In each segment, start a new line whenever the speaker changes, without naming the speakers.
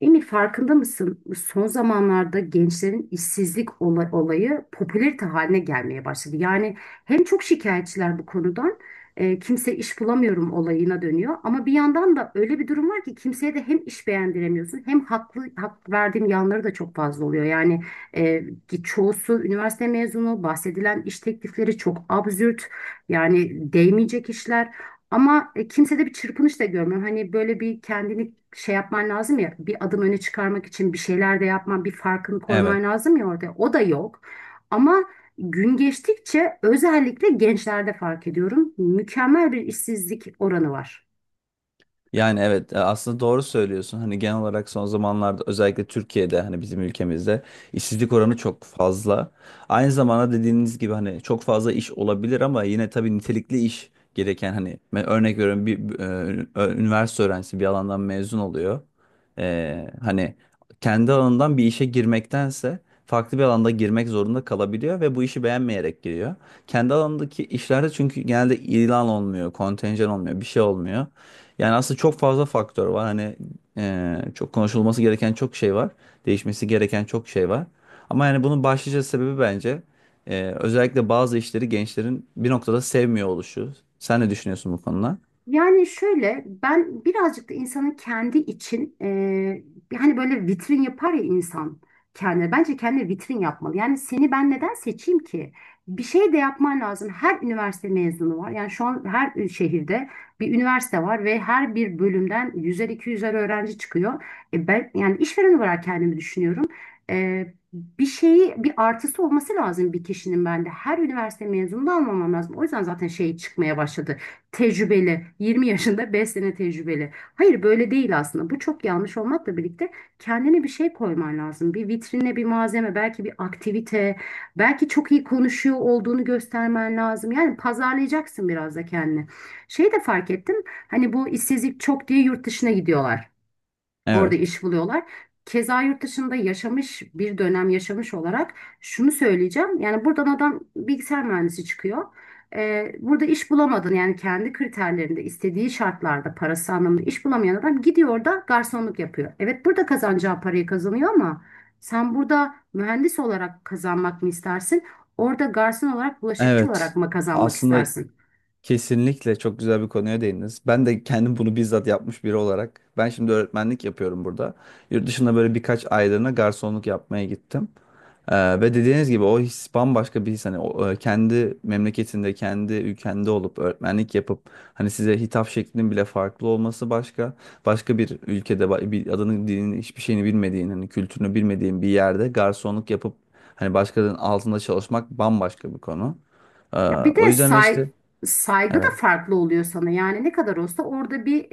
Emir farkında mısın? Son zamanlarda gençlerin işsizlik olayı popülerite haline gelmeye başladı. Yani hem çok şikayetçiler bu konudan, kimse iş bulamıyorum olayına dönüyor. Ama bir yandan da öyle bir durum var ki kimseye de hem iş beğendiremiyorsun hem haklı hak verdiğim yanları da çok fazla oluyor. Ki çoğusu üniversite mezunu, bahsedilen iş teklifleri çok absürt. Yani değmeyecek işler. Kimsede bir çırpınış da görmüyorum. Hani böyle bir kendini şey yapman lazım ya, bir adım öne çıkarmak için bir şeyler de yapman, bir farkını
Evet.
koyman lazım ya orada. O da yok. Ama gün geçtikçe özellikle gençlerde fark ediyorum. Mükemmel bir işsizlik oranı var.
Yani evet, aslında doğru söylüyorsun. Hani genel olarak son zamanlarda özellikle Türkiye'de hani bizim ülkemizde işsizlik oranı çok fazla. Aynı zamanda dediğiniz gibi hani çok fazla iş olabilir ama yine tabii nitelikli iş gereken hani ben örnek veriyorum bir üniversite öğrencisi bir alandan mezun oluyor. Hani kendi alanından bir işe girmektense farklı bir alanda girmek zorunda kalabiliyor ve bu işi beğenmeyerek giriyor. Kendi alanındaki işlerde çünkü genelde ilan olmuyor, kontenjan olmuyor, bir şey olmuyor. Yani aslında çok fazla faktör var. Hani çok konuşulması gereken çok şey var. Değişmesi gereken çok şey var. Ama yani bunun başlıca sebebi bence özellikle bazı işleri gençlerin bir noktada sevmiyor oluşu. Sen ne düşünüyorsun bu konuda?
Yani şöyle ben birazcık da insanın kendi için hani böyle vitrin yapar ya insan kendine. Bence kendine vitrin yapmalı. Yani seni ben neden seçeyim ki? Bir şey de yapman lazım. Her üniversite mezunu var. Yani şu an her şehirde bir üniversite var ve her bir bölümden 100'er 200'er öğrenci çıkıyor. E ben yani işveren olarak kendimi düşünüyorum. Bir şeyi bir artısı olması lazım bir kişinin bende. Her üniversite mezununu almamam lazım. O yüzden zaten şey çıkmaya başladı tecrübeli, 20 yaşında 5 sene tecrübeli. Hayır böyle değil aslında. Bu çok yanlış olmakla birlikte kendine bir şey koyman lazım. Bir vitrine bir malzeme, belki bir aktivite, belki çok iyi konuşuyor olduğunu göstermen lazım. Yani pazarlayacaksın biraz da kendini. Şey de fark ettim. Hani bu işsizlik çok diye yurt dışına gidiyorlar. Orada
Evet.
iş buluyorlar. Keza yurt dışında yaşamış bir dönem yaşamış olarak şunu söyleyeceğim. Yani buradan adam bilgisayar mühendisi çıkıyor. Burada iş bulamadın yani kendi kriterlerinde istediği şartlarda parası anlamında iş bulamayan adam gidiyor da garsonluk yapıyor. Evet burada kazanacağı parayı kazanıyor ama sen burada mühendis olarak kazanmak mı istersin? Orada garson olarak bulaşıkçı olarak
Evet.
mı kazanmak
Aslında.
istersin?
Kesinlikle çok güzel bir konuya değindiniz. Ben de kendim bunu bizzat yapmış biri olarak. Ben şimdi öğretmenlik yapıyorum burada. Yurt dışında böyle birkaç aylığına garsonluk yapmaya gittim. Ve dediğiniz gibi o his bambaşka bir his. Hani o, kendi memleketinde, kendi ülkende olup öğretmenlik yapıp hani size hitap şeklinin bile farklı olması başka. Başka bir ülkede bir adını, dilini, hiçbir şeyini bilmediğin, hani kültürünü bilmediğin bir yerde garsonluk yapıp hani başkalarının altında çalışmak bambaşka bir konu. Ee,
Ya bir
o
de
yüzden işte
saygı da
evet.
farklı oluyor sana. Yani ne kadar olsa orada bir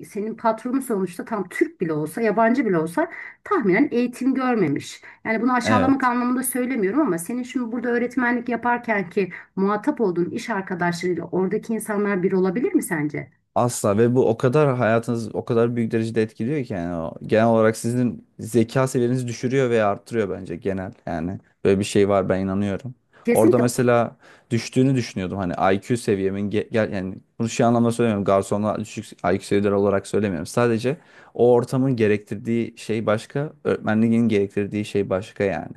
senin patronun sonuçta tam Türk bile olsa, yabancı bile olsa tahminen eğitim görmemiş. Yani bunu aşağılamak
Evet.
anlamında söylemiyorum ama senin şimdi burada öğretmenlik yaparken ki muhatap olduğun iş arkadaşlarıyla oradaki insanlar bir olabilir mi sence?
Asla, ve bu o kadar hayatınız o kadar büyük derecede etkiliyor ki yani o genel olarak sizin zeka seviyenizi düşürüyor veya arttırıyor bence genel yani böyle bir şey var, ben inanıyorum. Orada
Kesinlikle.
mesela düştüğünü düşünüyordum hani IQ seviyemin gel yani bunu şu anlamda söylemiyorum, garsonla düşük IQ seviyeleri olarak söylemiyorum. Sadece o ortamın gerektirdiği şey başka, öğretmenliğin gerektirdiği şey başka yani.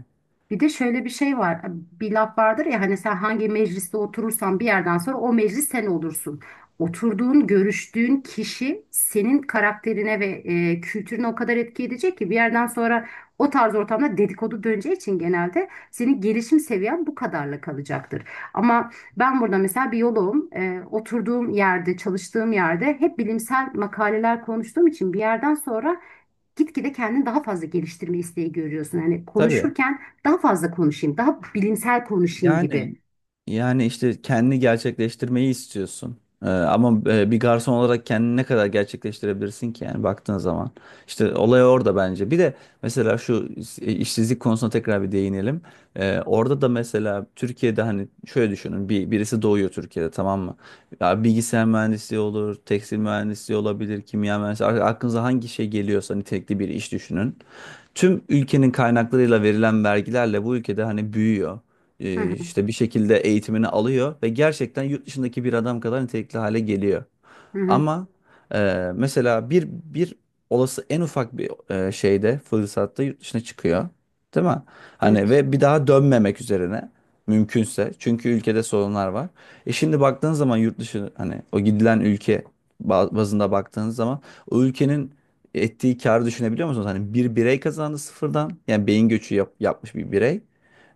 Bir de şöyle bir şey var. Bir laf vardır ya hani sen hangi mecliste oturursan bir yerden sonra o meclis sen olursun. Oturduğun, görüştüğün kişi senin karakterine ve kültürüne o kadar etki edecek ki bir yerden sonra o tarz ortamda dedikodu döneceği için genelde senin gelişim seviyen bu kadarla kalacaktır. Ama ben burada mesela biyoloğum. E, oturduğum yerde, çalıştığım yerde hep bilimsel makaleler konuştuğum için bir yerden sonra gitgide kendini daha fazla geliştirme isteği görüyorsun. Hani
Tabii.
konuşurken daha fazla konuşayım, daha bilimsel konuşayım
Yani
gibi.
yani işte kendini gerçekleştirmeyi istiyorsun. Ama bir garson olarak kendini ne kadar gerçekleştirebilirsin ki yani baktığın zaman. İşte olay orada bence. Bir de mesela şu işsizlik konusuna tekrar bir değinelim. Orada da mesela Türkiye'de hani şöyle düşünün. Birisi doğuyor Türkiye'de, tamam mı? Ya bilgisayar mühendisliği olur, tekstil mühendisliği olabilir, kimya mühendisliği. Aklınıza hangi şey geliyorsa nitelikli bir iş düşünün. Tüm ülkenin kaynaklarıyla verilen vergilerle bu ülkede hani büyüyor,
Hı hı,
işte bir şekilde eğitimini alıyor ve gerçekten yurt dışındaki bir adam kadar nitelikli hale geliyor.
hı hı.
Ama mesela bir olası en ufak bir e, şeyde fırsatta yurt dışına çıkıyor. Değil mi? Hani
Evet.
ve bir daha dönmemek üzerine mümkünse. Çünkü ülkede sorunlar var. Şimdi baktığın zaman yurt dışı hani o gidilen ülke bazında baktığın zaman o ülkenin ettiği karı düşünebiliyor musunuz? Hani bir birey kazandı sıfırdan. Yani beyin göçü yapmış bir birey.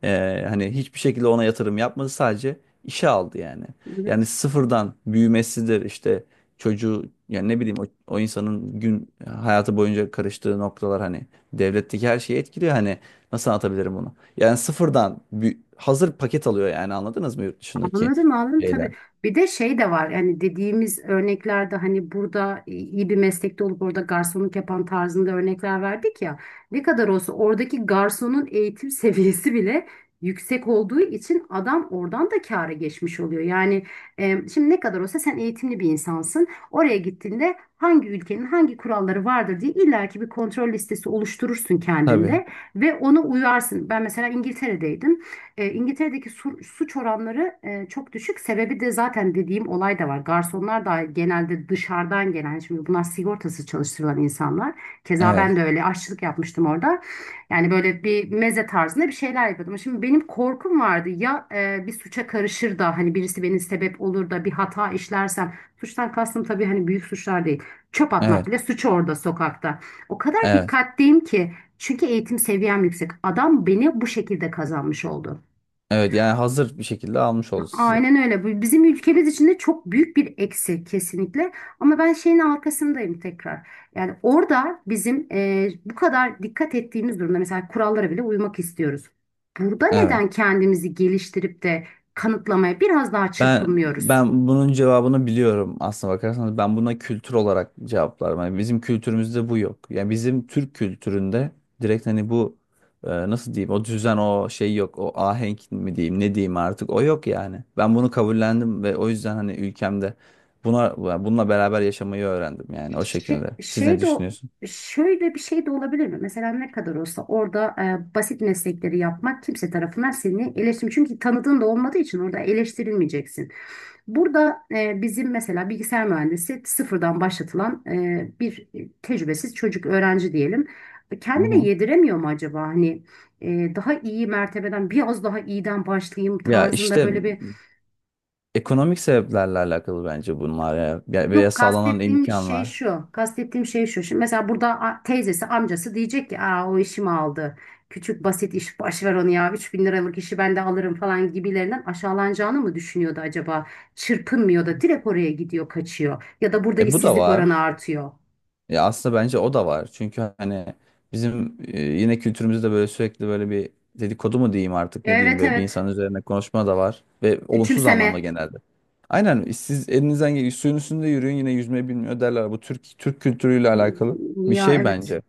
Hani hiçbir şekilde ona yatırım yapmadı. Sadece işe aldı yani. Yani
Evet.
sıfırdan büyümesidir işte çocuğu, yani ne bileyim o insanın gün hayatı boyunca karıştığı noktalar hani devletteki her şeyi etkiliyor, hani nasıl anlatabilirim bunu? Yani sıfırdan hazır paket alıyor yani, anladınız mı yurt dışındaki
Anladım, anladım, tabii.
şeyler?
Bir de şey de var yani dediğimiz örneklerde hani burada iyi bir meslekte olup orada garsonluk yapan tarzında örnekler verdik ya. Ne kadar olsa oradaki garsonun eğitim seviyesi bile yüksek olduğu için adam oradan da kâra geçmiş oluyor. Şimdi ne kadar olsa sen eğitimli bir insansın. Oraya gittiğinde hangi ülkenin hangi kuralları vardır diye illaki bir kontrol listesi oluşturursun
Tabii.
kendinde ve ona uyarsın. Ben mesela İngiltere'deydim. E, İngiltere'deki suç oranları çok düşük. Sebebi de zaten dediğim olay da var. Garsonlar da genelde dışarıdan gelen, şimdi bunlar sigortasız çalıştırılan insanlar. Keza ben
Evet.
de öyle aşçılık yapmıştım orada. Yani böyle bir meze tarzında bir şeyler yapıyordum. Şimdi benim korkum vardı ya bir suça karışır da hani birisi beni sebep olur da bir hata işlersem. Suçtan kastım tabii hani büyük suçlar değil. Çöp atmak
Evet.
bile suç orada sokakta. O kadar
Evet.
dikkatliyim ki. Çünkü eğitim seviyem yüksek. Adam beni bu şekilde kazanmış oldu.
Evet. Yani hazır bir şekilde almış oldu sizi.
Aynen öyle. Bu bizim ülkemiz için de çok büyük bir eksi kesinlikle. Ama ben şeyin arkasındayım tekrar. Yani orada bizim bu kadar dikkat ettiğimiz durumda mesela kurallara bile uymak istiyoruz. Burada
Evet.
neden kendimizi geliştirip de kanıtlamaya biraz daha
Ben
çırpınmıyoruz?
ben bunun cevabını biliyorum, aslına bakarsanız ben buna kültür olarak cevaplarım. Yani bizim kültürümüzde bu yok. Yani bizim Türk kültüründe direkt hani bu nasıl diyeyim o düzen o şey yok. O ahenk mi diyeyim ne diyeyim artık, o yok yani. Ben bunu kabullendim ve o yüzden hani ülkemde buna, yani bununla beraber yaşamayı öğrendim, yani o
Şey,
şekilde. Siz ne
şey de o-
düşünüyorsunuz?
Şöyle bir şey de olabilir mi? Mesela ne kadar olsa orada basit meslekleri yapmak kimse tarafından seni eleştirmiyor. Çünkü tanıdığın da olmadığı için orada eleştirilmeyeceksin. Burada bizim mesela bilgisayar mühendisi sıfırdan başlatılan bir tecrübesiz çocuk öğrenci diyelim.
Hı
Kendine
hı.
yediremiyor mu acaba? Hani daha iyi mertebeden biraz daha iyiden başlayayım
Ya
tarzında
işte
böyle bir
ekonomik sebeplerle alakalı bence bunlar ya. Veya
yok
sağlanan
kastettiğim şey
imkanlar.
şu. Kastettiğim şey şu. Şimdi mesela burada teyzesi, amcası diyecek ki aa o işimi aldı. Küçük basit iş baş ver onu ya. 3000 liralık işi ben de alırım falan gibilerinden aşağılanacağını mı düşünüyordu acaba? Çırpınmıyor da direkt oraya gidiyor, kaçıyor. Ya da burada
Bu da
işsizlik oranı
var.
artıyor.
Ya aslında bence o da var. Çünkü hani bizim yine kültürümüzde böyle sürekli böyle bir dedikodu mu diyeyim artık ne diyeyim,
Evet,
böyle bir
evet.
insan üzerine konuşma da var ve olumsuz anlamda
Küçümseme.
genelde. Aynen, siz elinizden gel suyun üstünde yürüyün, yine yüzme bilmiyor derler. Bu Türk kültürüyle alakalı bir
Ya,
şey
evet.
bence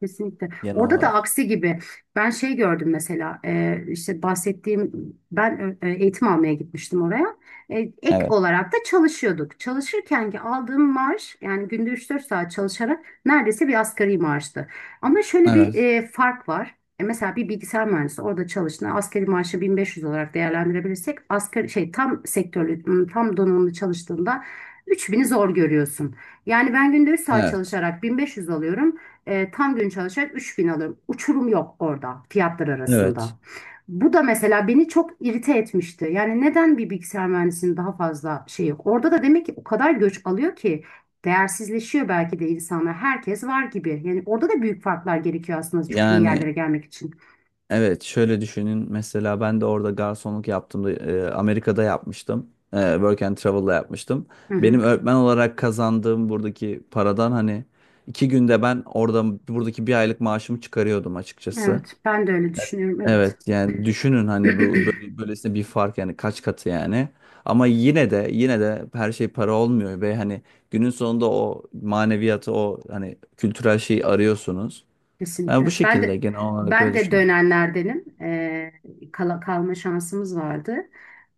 Kesinlikle.
genel
Orada da
olarak.
aksi gibi. Ben şey gördüm mesela işte bahsettiğim ben eğitim almaya gitmiştim oraya. E, ek
Evet.
olarak da çalışıyorduk. Çalışırken ki aldığım maaş yani günde 3-4 saat çalışarak neredeyse bir asgari maaştı. Ama şöyle bir
Evet.
fark var. E, mesela bir bilgisayar mühendisi orada çalıştığında asgari maaşı 1500 olarak değerlendirebilirsek asgari şey tam sektörlü tam donanımlı çalıştığında 3000'i zor görüyorsun. Yani ben günde 3 saat
Evet.
çalışarak 1500 alıyorum. E, tam gün çalışarak 3000 alırım. Uçurum yok orada fiyatlar
Evet.
arasında. Bu da mesela beni çok irite etmişti. Yani neden bir bilgisayar mühendisinin daha fazla şey yok? Orada da demek ki o kadar göç alıyor ki değersizleşiyor belki de insanlar. Herkes var gibi. Yani orada da büyük farklar gerekiyor aslında çok iyi
Yani
yerlere gelmek için.
evet, şöyle düşünün. Mesela ben de orada garsonluk yaptığımda Amerika'da yapmıştım. Work and Travel'la yapmıştım.
Hı hı.
Benim öğretmen olarak kazandığım buradaki paradan hani 2 günde ben orada buradaki bir aylık maaşımı çıkarıyordum açıkçası.
Evet, ben de öyle düşünüyorum. Evet.
Evet yani düşünün hani bu böyle, böylesine bir fark, yani kaç katı yani. Ama yine de yine de her şey para olmuyor ve hani günün sonunda o maneviyatı, o hani kültürel şeyi arıyorsunuz. Yani bu
Kesinlikle. Ben
şekilde
de
genel olarak
ben
böyle
de
düşünüyorum.
dönenlerdenim. Kalma şansımız vardı.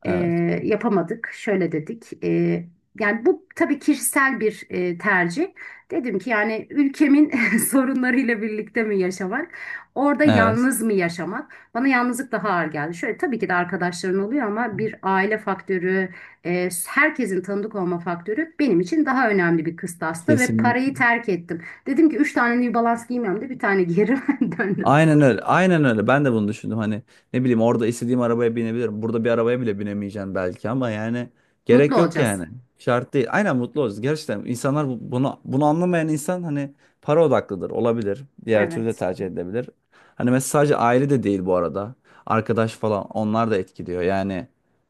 Ee,
Evet.
Yapamadık. Şöyle dedik. Yani bu tabii kişisel bir tercih. Dedim ki yani ülkemin sorunlarıyla birlikte mi yaşamak, orada
Evet.
yalnız mı yaşamak? Bana yalnızlık daha ağır geldi. Şöyle tabii ki de arkadaşların oluyor ama bir aile faktörü, herkesin tanıdık olma faktörü benim için daha önemli bir kıstastı ve parayı
Kesinlikle.
terk ettim. Dedim ki üç tane New Balance giymiyorum da bir tane giyerim döndüm.
Aynen öyle. Aynen öyle. Ben de bunu düşündüm. Hani ne bileyim, orada istediğim arabaya binebilirim. Burada bir arabaya bile binemeyeceğim belki, ama yani
Mutlu
gerek yok
olacağız.
yani. Şart değil. Aynen, mutlu olacağız. Gerçekten insanlar bunu anlamayan insan hani para odaklıdır. Olabilir. Diğer türlü de
Evet.
tercih edebilir. Hani mesela sadece aile de değil bu arada. Arkadaş falan, onlar da etkiliyor. Yani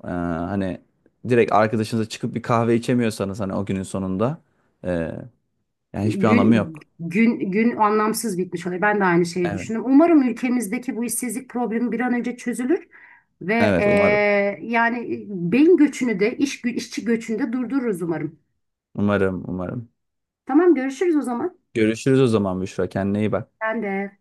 hani direkt arkadaşınızla çıkıp bir kahve içemiyorsanız hani o günün sonunda e, yani hiçbir anlamı
Gün,
yok.
gün, gün anlamsız bitmiş oluyor. Ben de aynı şeyi
Evet.
düşündüm. Umarım ülkemizdeki bu işsizlik problemi bir an önce çözülür ve
Evet umarım.
yani beyin göçünü de işçi göçünü de durdururuz umarım.
Umarım, umarım.
Tamam, görüşürüz o zaman.
Görüşürüz o zaman Büşra. Kendine iyi bak.
Ben de.